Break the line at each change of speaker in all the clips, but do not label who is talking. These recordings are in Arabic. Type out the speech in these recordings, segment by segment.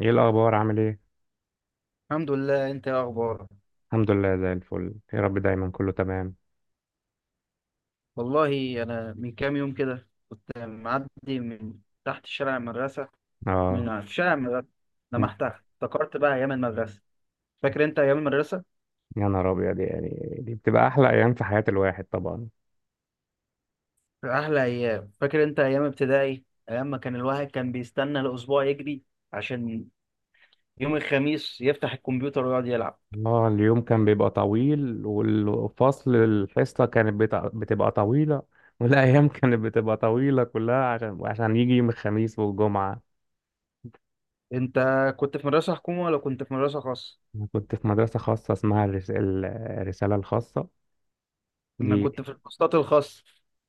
ايه الاخبار عامل ايه؟
الحمد لله. انت ايه اخبارك؟
الحمد لله زي الفل يا رب، دايما كله تمام.
والله انا من كام يوم كده كنت معدي من تحت شارع المدرسه،
اه،
في شارع المدرسه لمحت، افتكرت بقى ايام المدرسه. فاكر انت ايام المدرسه؟
يا نهار ابيض، يعني دي بتبقى احلى ايام في حياة الواحد طبعا.
احلى ايام. فاكر انت ايام ابتدائي؟ ايام ما كان الواحد كان بيستنى الاسبوع يجري عشان يوم الخميس يفتح الكمبيوتر ويقعد يلعب.
اه، اليوم كان بيبقى طويل، والفصل الحصة كانت بتبقى طويلة. والايام كانت بتبقى طويلة كلها عشان يجي يوم الخميس والجمعة.
انت كنت في مدرسه حكومه ولا كنت في مدرسه خاصه؟
انا كنت في مدرسة خاصة اسمها الرسالة الخاصة.
انا
دي.
كنت في الكورسات الخاصه.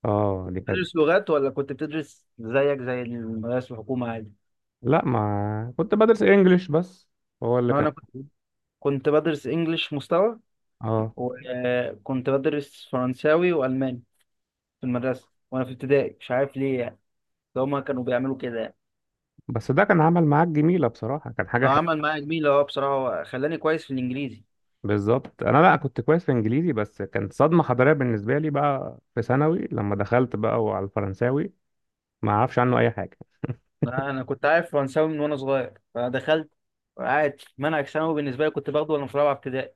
اه، دي كانت.
بتدرس لغات ولا كنت بتدرس زيك زي المدارس الحكومه عادي؟
لا، ما كنت بدرس انجليش بس. هو اللي كان.
انا كنت بدرس انجليش مستوى،
اه،
وكنت بدرس فرنساوي والماني في المدرسه وانا في ابتدائي. مش عارف ليه يعني، ده هما كانوا بيعملوا كده يعني.
بس ده كان عمل معاك جميلة بصراحة، كان حاجة
هو
حلوة.
عمل معايا جميل. اه، بصراحه هو خلاني كويس في الانجليزي.
بالظبط. أنا لا كنت كويس في إنجليزي، بس كانت صدمة حضارية بالنسبة لي بقى في ثانوي لما دخلت بقى، وعلى الفرنساوي ما أعرفش عنه أي حاجة.
لا، انا كنت عارف فرنساوي من وانا صغير، فدخلت عادي. منهج ثانوي بالنسبه لي كنت باخده وانا في رابعه ابتدائي،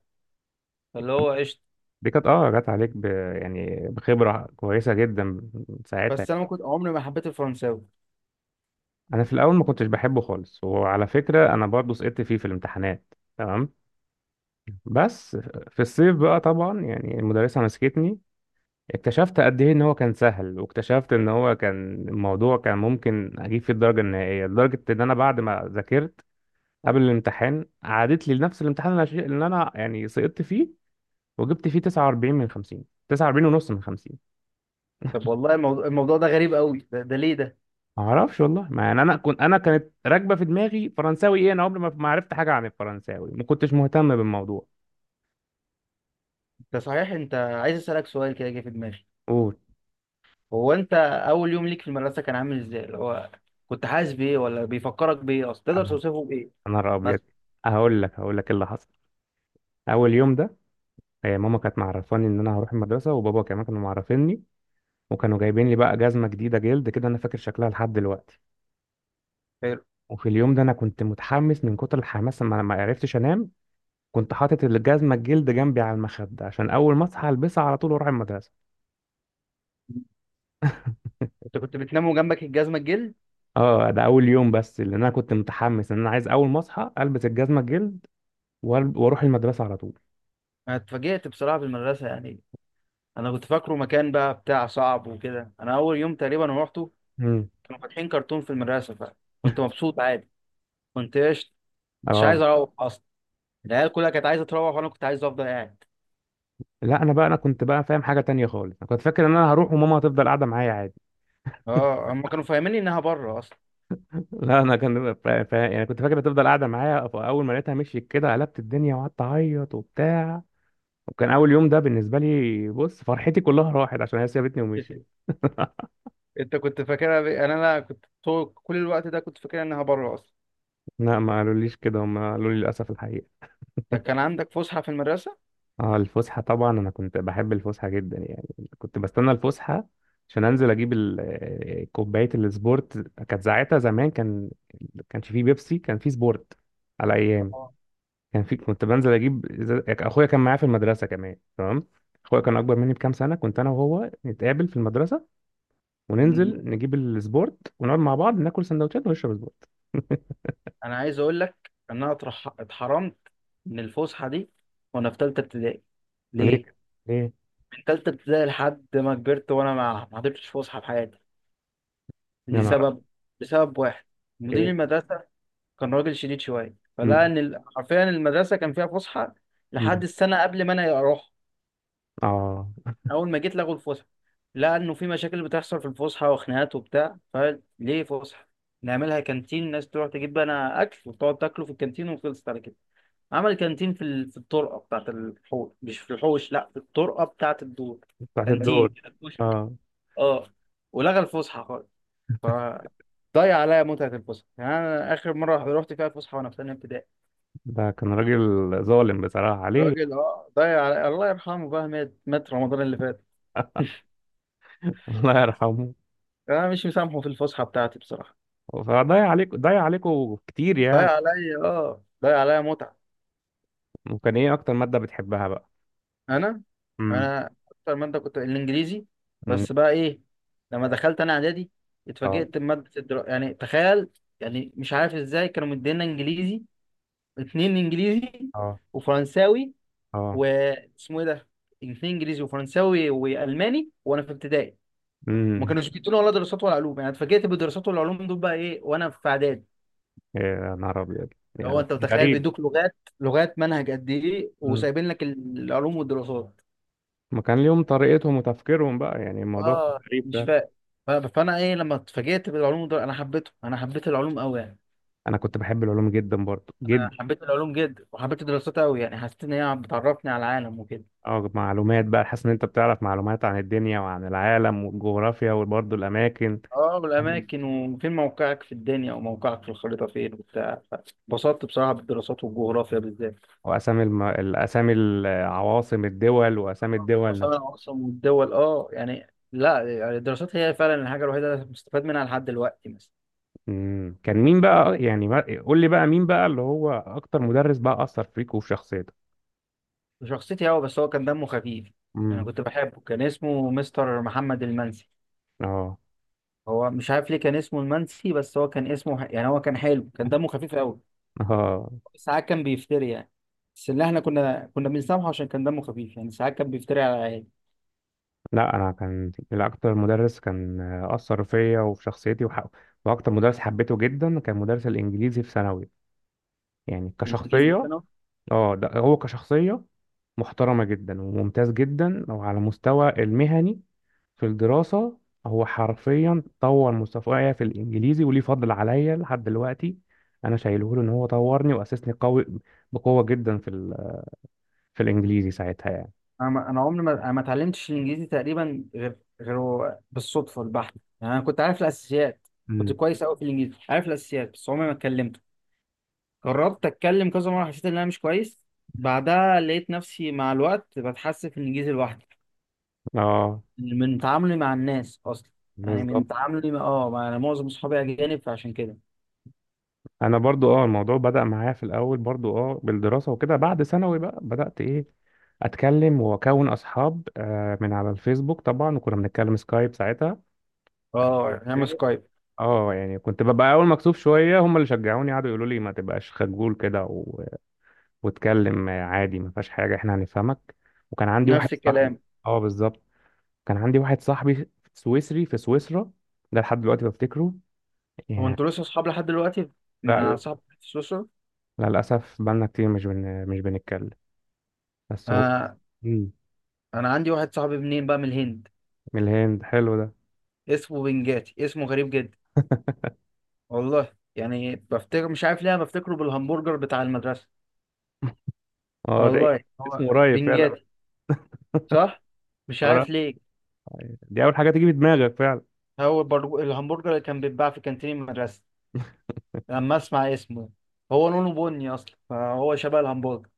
فاللي هو قشطه.
دي كانت جت عليك ب... يعني بخبرة كويسة جدا ساعتها.
بس انا ما كنت، عمري ما حبيت الفرنساوي.
أنا في الأول ما كنتش بحبه خالص، وعلى فكرة أنا برضه سقطت فيه في الامتحانات تمام. بس في الصيف بقى طبعا يعني المدرسة مسكتني، اكتشفت قد ايه ان هو كان سهل، واكتشفت ان هو كان الموضوع كان ممكن اجيب فيه الدرجه النهائيه، لدرجه ان انا بعد ما ذاكرت قبل الامتحان، عادت لي لنفس الامتحان اللي انا يعني سقطت فيه، وجبت فيه 49 من 50، 49 ونص من 50.
طب والله الموضوع، ده غريب قوي، ده ليه ده؟
ما اعرفش والله، ما يعني انا كانت راكبه في دماغي فرنساوي ايه، انا عمري ما عرفت حاجه عن الفرنساوي، ما كنتش مهتم بالموضوع.
ده صحيح، انت عايز اسالك سؤال كده جه في دماغي.
قول.
هو انت اول يوم ليك في المدرسه كان عامل ازاي؟ اللي هو كنت حاسس بايه ولا بيفكرك بايه اصلا؟ تقدر توصفه بايه
يا نهار ابيض،
مثلا؟
هقول لك إيه اللي حصل اول يوم ده. آه، ماما كانت معرفاني ان انا هروح المدرسه، وبابا كمان كانوا معرفيني، وكانوا جايبين لي بقى جزمة جديدة جلد كده، أنا فاكر شكلها لحد دلوقتي.
حلو.
وفي اليوم ده أنا كنت متحمس، من كتر الحماس ما عرفتش أنام. كنت حاطط الجزمة الجلد جنبي على المخدة عشان أول ما أصحى ألبسها على طول وأروح المدرسة.
انت كنت بتنام وجنبك الجزمه الجلد؟
أه، ده أول يوم بس، لأن أنا كنت متحمس إن أنا عايز أول ما أصحى ألبس الجزمة الجلد وأروح المدرسة على طول.
انا اتفاجئت بصراحه في المدرسه يعني. انا كنت فاكره مكان بقى بتاع صعب وكده. انا اول يوم تقريبا روحته
امم.
كانوا فاتحين كرتون في المدرسه، فكنت مبسوط عادي. كنت قشط، مش عايز
أه.
اروح اصلا. العيال كلها كانت عايزه تروح وانا كنت عايز افضل قاعد.
لا، أنا بقى أنا كنت بقى فاهم حاجة تانية خالص، أنا كنت فاكر إن أنا هروح وماما هتفضل قاعدة معايا عادي.
اه، هم كانوا فاهميني انها بره اصلا.
لا، انا كان يعني كنت فاكر هتفضل قاعده معايا، فاول ما لقيتها مشيت كده قلبت الدنيا وقعدت اعيط وبتاع. وكان اول يوم ده بالنسبه لي، بص، فرحتي كلها راحت عشان هي سابتني ومشيت.
انت كنت فاكرها انا كنت طول كل الوقت ده كنت فاكرها انها بره اصلا.
لا، ما قالوليش كده، هم قالوا لي للاسف الحقيقه.
ده كان عندك فسحة في المدرسة؟
اه، الفسحه طبعا انا كنت بحب الفسحه جدا يعني، كنت بستنى الفسحه عشان انزل اجيب كوبايه السبورت. كانت ساعتها زمان كان، كانش فيه بيبسي، كان فيه سبورت على ايام.
اه.
كان في كنت بنزل اجيب اخويا كان معايا في المدرسه كمان تمام. اخويا كان اكبر مني بكام سنه، كنت انا وهو نتقابل في المدرسه،
مم.
وننزل نجيب السبورت ونقعد مع بعض ناكل سندوتشات ونشرب سبورت.
أنا عايز أقول لك إن أنا اتحرمت من الفسحة دي وأنا في تالتة ابتدائي. ليه؟
ليك. ليه؟
من تالتة ابتدائي لحد ما كبرت وأنا ما حضرتش فسحة في حياتي.
يا نهار
لسبب لسبب واحد:
أبيض.
مدير
ايه.
المدرسة. كان راجل شديد شوية، فلقى
مم.
إن حرفيا المدرسة كان فيها فسحة لحد
مم.
السنة قبل ما أنا أروح.
اه.
اول ما جيت لغوا الفسحه. لقى انه في مشاكل بتحصل في الفسحه وخناقات وبتاع. فليه فسحه؟ نعملها كانتين، الناس تروح تجيب بقى اكل وتقعد تاكله في الكانتين، وخلصت على كده. عمل كانتين في الطرقه بتاعت الحوش، مش في الحوش، لا في الطرقه بتاعت الدور.
بتاعت
كانتين.
الدول. اه.
اه. ولغى الفسحه خالص. فضيع عليا متعه الفسحه يعني. انا اخر مره رحت فيها الفسحه وانا في ثانيه ابتدائي.
ده كان راجل ظالم بصراحة، عليه
راجل، اه، ضيع علي. الله يرحمه بقى، مات رمضان اللي فات.
الله يرحمه.
انا مش مسامحه في الفسحه بتاعتي بصراحه.
فضيع عليك، ضيع عليكوا كتير يعني.
ضايع عليا، اه، ضايع عليا متعة.
وكان ايه اكتر مادة بتحبها بقى؟
انا
امم.
انا اكتر مادة كنت الانجليزي.
أمم.
بس بقى ايه؟ لما دخلت انا اعدادي
اه.
اتفاجئت بمادة يعني تخيل. يعني مش عارف ازاي كانوا مدينا انجليزي اتنين، انجليزي
اه.
وفرنساوي،
اه.
واسمه ايه ده، اتنين انجليزي وفرنساوي والماني وانا في ابتدائي. ما
امم.
كانوش بيدونا ولا دراسات ولا علوم. يعني اتفاجئت بالدراسات والعلوم دول بقى ايه وانا في اعدادي.
يا نهار ابيض،
لو
يعني
انت
كان
متخيل
غريب.
بيدوك لغات لغات منهج قد ايه
أمم.
وسايبين لك العلوم والدراسات.
ما كان ليهم طريقتهم وتفكيرهم بقى، يعني الموضوع كان
اه،
غريب
مش
فعلا.
فاهم. فانا ايه لما اتفاجئت بالعلوم دول. انا حبيته، انا حبيت العلوم قوي يعني.
انا كنت بحب العلوم جدا، برضه جدا.
انا حبيت العلوم جدا، وحبيت الدراسات قوي، يعني حسيت ان هي بتعرفني على العالم وكده.
اه، معلومات بقى، حاسس ان انت بتعرف معلومات عن الدنيا وعن العالم والجغرافيا، وبرضه الاماكن.
اه،
تمام.
والاماكن وفين موقعك في الدنيا وموقعك في الخريطه فين وبتاع. اتبسطت بصراحه بالدراسات والجغرافيا بالذات.
واسامي الاسامي، العواصم الدول واسامي الدول
اصلا انا
نفسها.
اصلا والدول، اه يعني. لا، يعني الدراسات هي فعلا الحاجه الوحيده اللي مستفاد منها لحد دلوقتي مثلا.
مم. كان مين بقى يعني ما... قول لي بقى مين بقى اللي هو اكتر مدرس بقى اثر فيك وفي شخصيتك؟
شخصيتي، هو بس هو كان دمه خفيف. انا
امم.
كنت بحبه، كان اسمه مستر محمد المنسي.
اه.
هو مش عارف ليه كان اسمه المنسي، بس هو كان اسمه يعني هو كان حلو، كان دمه خفيف قوي.
اه،
ساعات كان بيفتري يعني. بس اللي احنا كنا بنسامحه عشان كان دمه خفيف يعني. ساعات كان بيفتري على العيال.
لا، انا كان الاكتر مدرس كان اثر فيا وفي شخصيتي. واكتر مدرس حبيته جدا كان مدرس الانجليزي في ثانوي، يعني
الانجليزي
كشخصيه.
بتاعنا؟
اه لا، هو كشخصية محترمة جدا، وممتاز جدا، وعلى مستوى المهني في الدراسة، هو حرفيا طور مستواي في الإنجليزي، وليه فضل عليا لحد دلوقتي. أنا شايله له إن هو طورني وأسسني قوي، بقوة جدا في الإنجليزي ساعتها يعني.
انا عمري ما انا ما اتعلمتش الانجليزي تقريبا غير، غير بالصدفه البحته. يعني انا كنت عارف الاساسيات. كنت
امم.
كويس قوي في الانجليزي، عارف الاساسيات، بس عمري ما اتكلمته. جربت اتكلم كذا مره، حسيت ان انا مش كويس. بعدها لقيت نفسي مع الوقت بتحسن في الانجليزي لوحدي.
اه
من تعاملي مع الناس اصلا. يعني
بالظبط.
من تعاملي انا معظم اصحابي اجانب فعشان كده.
أنا برضو الموضوع بدأ معايا في الأول، برضو بالدراسة وكده، بعد ثانوي بقى بدأت إيه، أتكلم وأكون أصحاب من على الفيسبوك طبعا، وكنا بنتكلم سكايب ساعتها.
اه، نعمل سكايب.
اه، يعني كنت ببقى اول مكسوف شويه، هم اللي شجعوني، قعدوا يقولوا لي ما تبقاش خجول كده، و... واتكلم عادي ما فيهاش حاجه، احنا هنفهمك. وكان عندي
نفس
واحد صاحبي.
الكلام.
اه بالظبط. كان عندي واحد صاحبي سويسري في سويسرا، ده لحد دلوقتي بفتكره
هو
يعني.
انتوا لسه اصحاب لحد دلوقتي؟ مع
لا.
صاحب في سويسرا؟
لا للاسف، بقالنا كتير مش بنتكلم، بس هو.
آه.
مم.
انا عندي واحد صاحبي منين بقى؟ من الهند.
من الهند، حلو ده.
اسمه بنجاتي، اسمه غريب جدا. والله يعني بفتكر، مش عارف ليه أنا بفتكره بالهمبرجر بتاع المدرسة.
اه، ده إيه؟
والله، هو
اسمه قريب فعلا.
بنجاتي. صح. مش عارف
قريب.
ليه.
دي اول حاجه تيجي في دماغك فعلا.
هو الهمبرجر اللي كان بيتباع في كانتين المدرسة لما اسمع اسمه. هو لونه بني اصلا، فهو شبه الهمبرجر.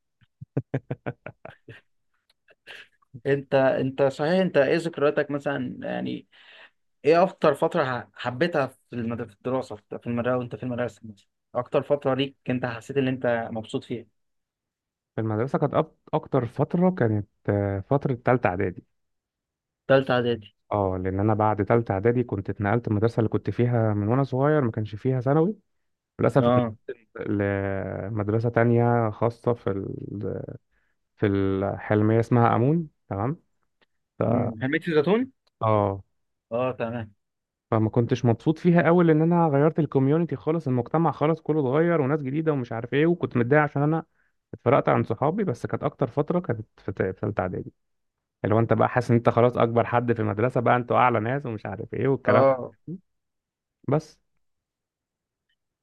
انت صحيح، انت ايه ذكرياتك مثلا يعني؟ ايه اكتر فترة حبيتها في في الدراسة، في المدرسة وانت في المدرسة مثلا؟ اكتر فترة ليك انت حسيت ان انت مبسوط فيها؟
في المدرسه كانت اكتر فتره كانت فتره ثالثه اعدادي.
تالتة اعدادي.
اه، لان انا بعد تالتة اعدادي كنت اتنقلت، المدرسه اللي كنت فيها من وانا صغير ما كانش فيها ثانوي، للاسف اتنقلت
اه.
لمدرسه تانية خاصه في الحلميه اسمها امون، تمام. ف...
حميت الزيتون.
اه،
اه، تمام.
فما كنتش مبسوط فيها قوي، لان انا غيرت الكوميونتي خالص، المجتمع خالص كله اتغير، وناس جديده ومش عارف ايه، وكنت متضايق عشان انا اتفرقت عن صحابي. بس كانت اكتر فتره كانت في ثالثه اعدادي، اللي هو انت بقى حاسس ان انت خلاص اكبر حد في المدرسه بقى، انتوا اعلى ناس ومش عارف ايه والكلام.
اه
بس.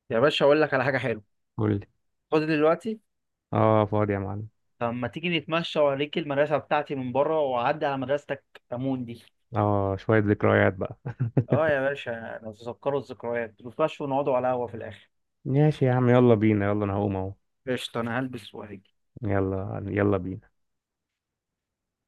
يا باشا، اقول لك على حاجة حلوة. خد دلوقتي.
اه، فاضي يا معلم.
طب ما تيجي نتمشى، واوريك المدرسة بتاعتي من بره، واعدي على مدرستك، امون دي.
اه، شوية ذكريات بقى.
اه يا باشا، نتذكروا الذكريات، نتمشوا ونقعدوا على قهوة في الاخر.
ماشي يا عم، يلا بينا، يلا انا هقوم اهو.
قشطة، أنا هلبس وهجي.
يلا يلا بينا.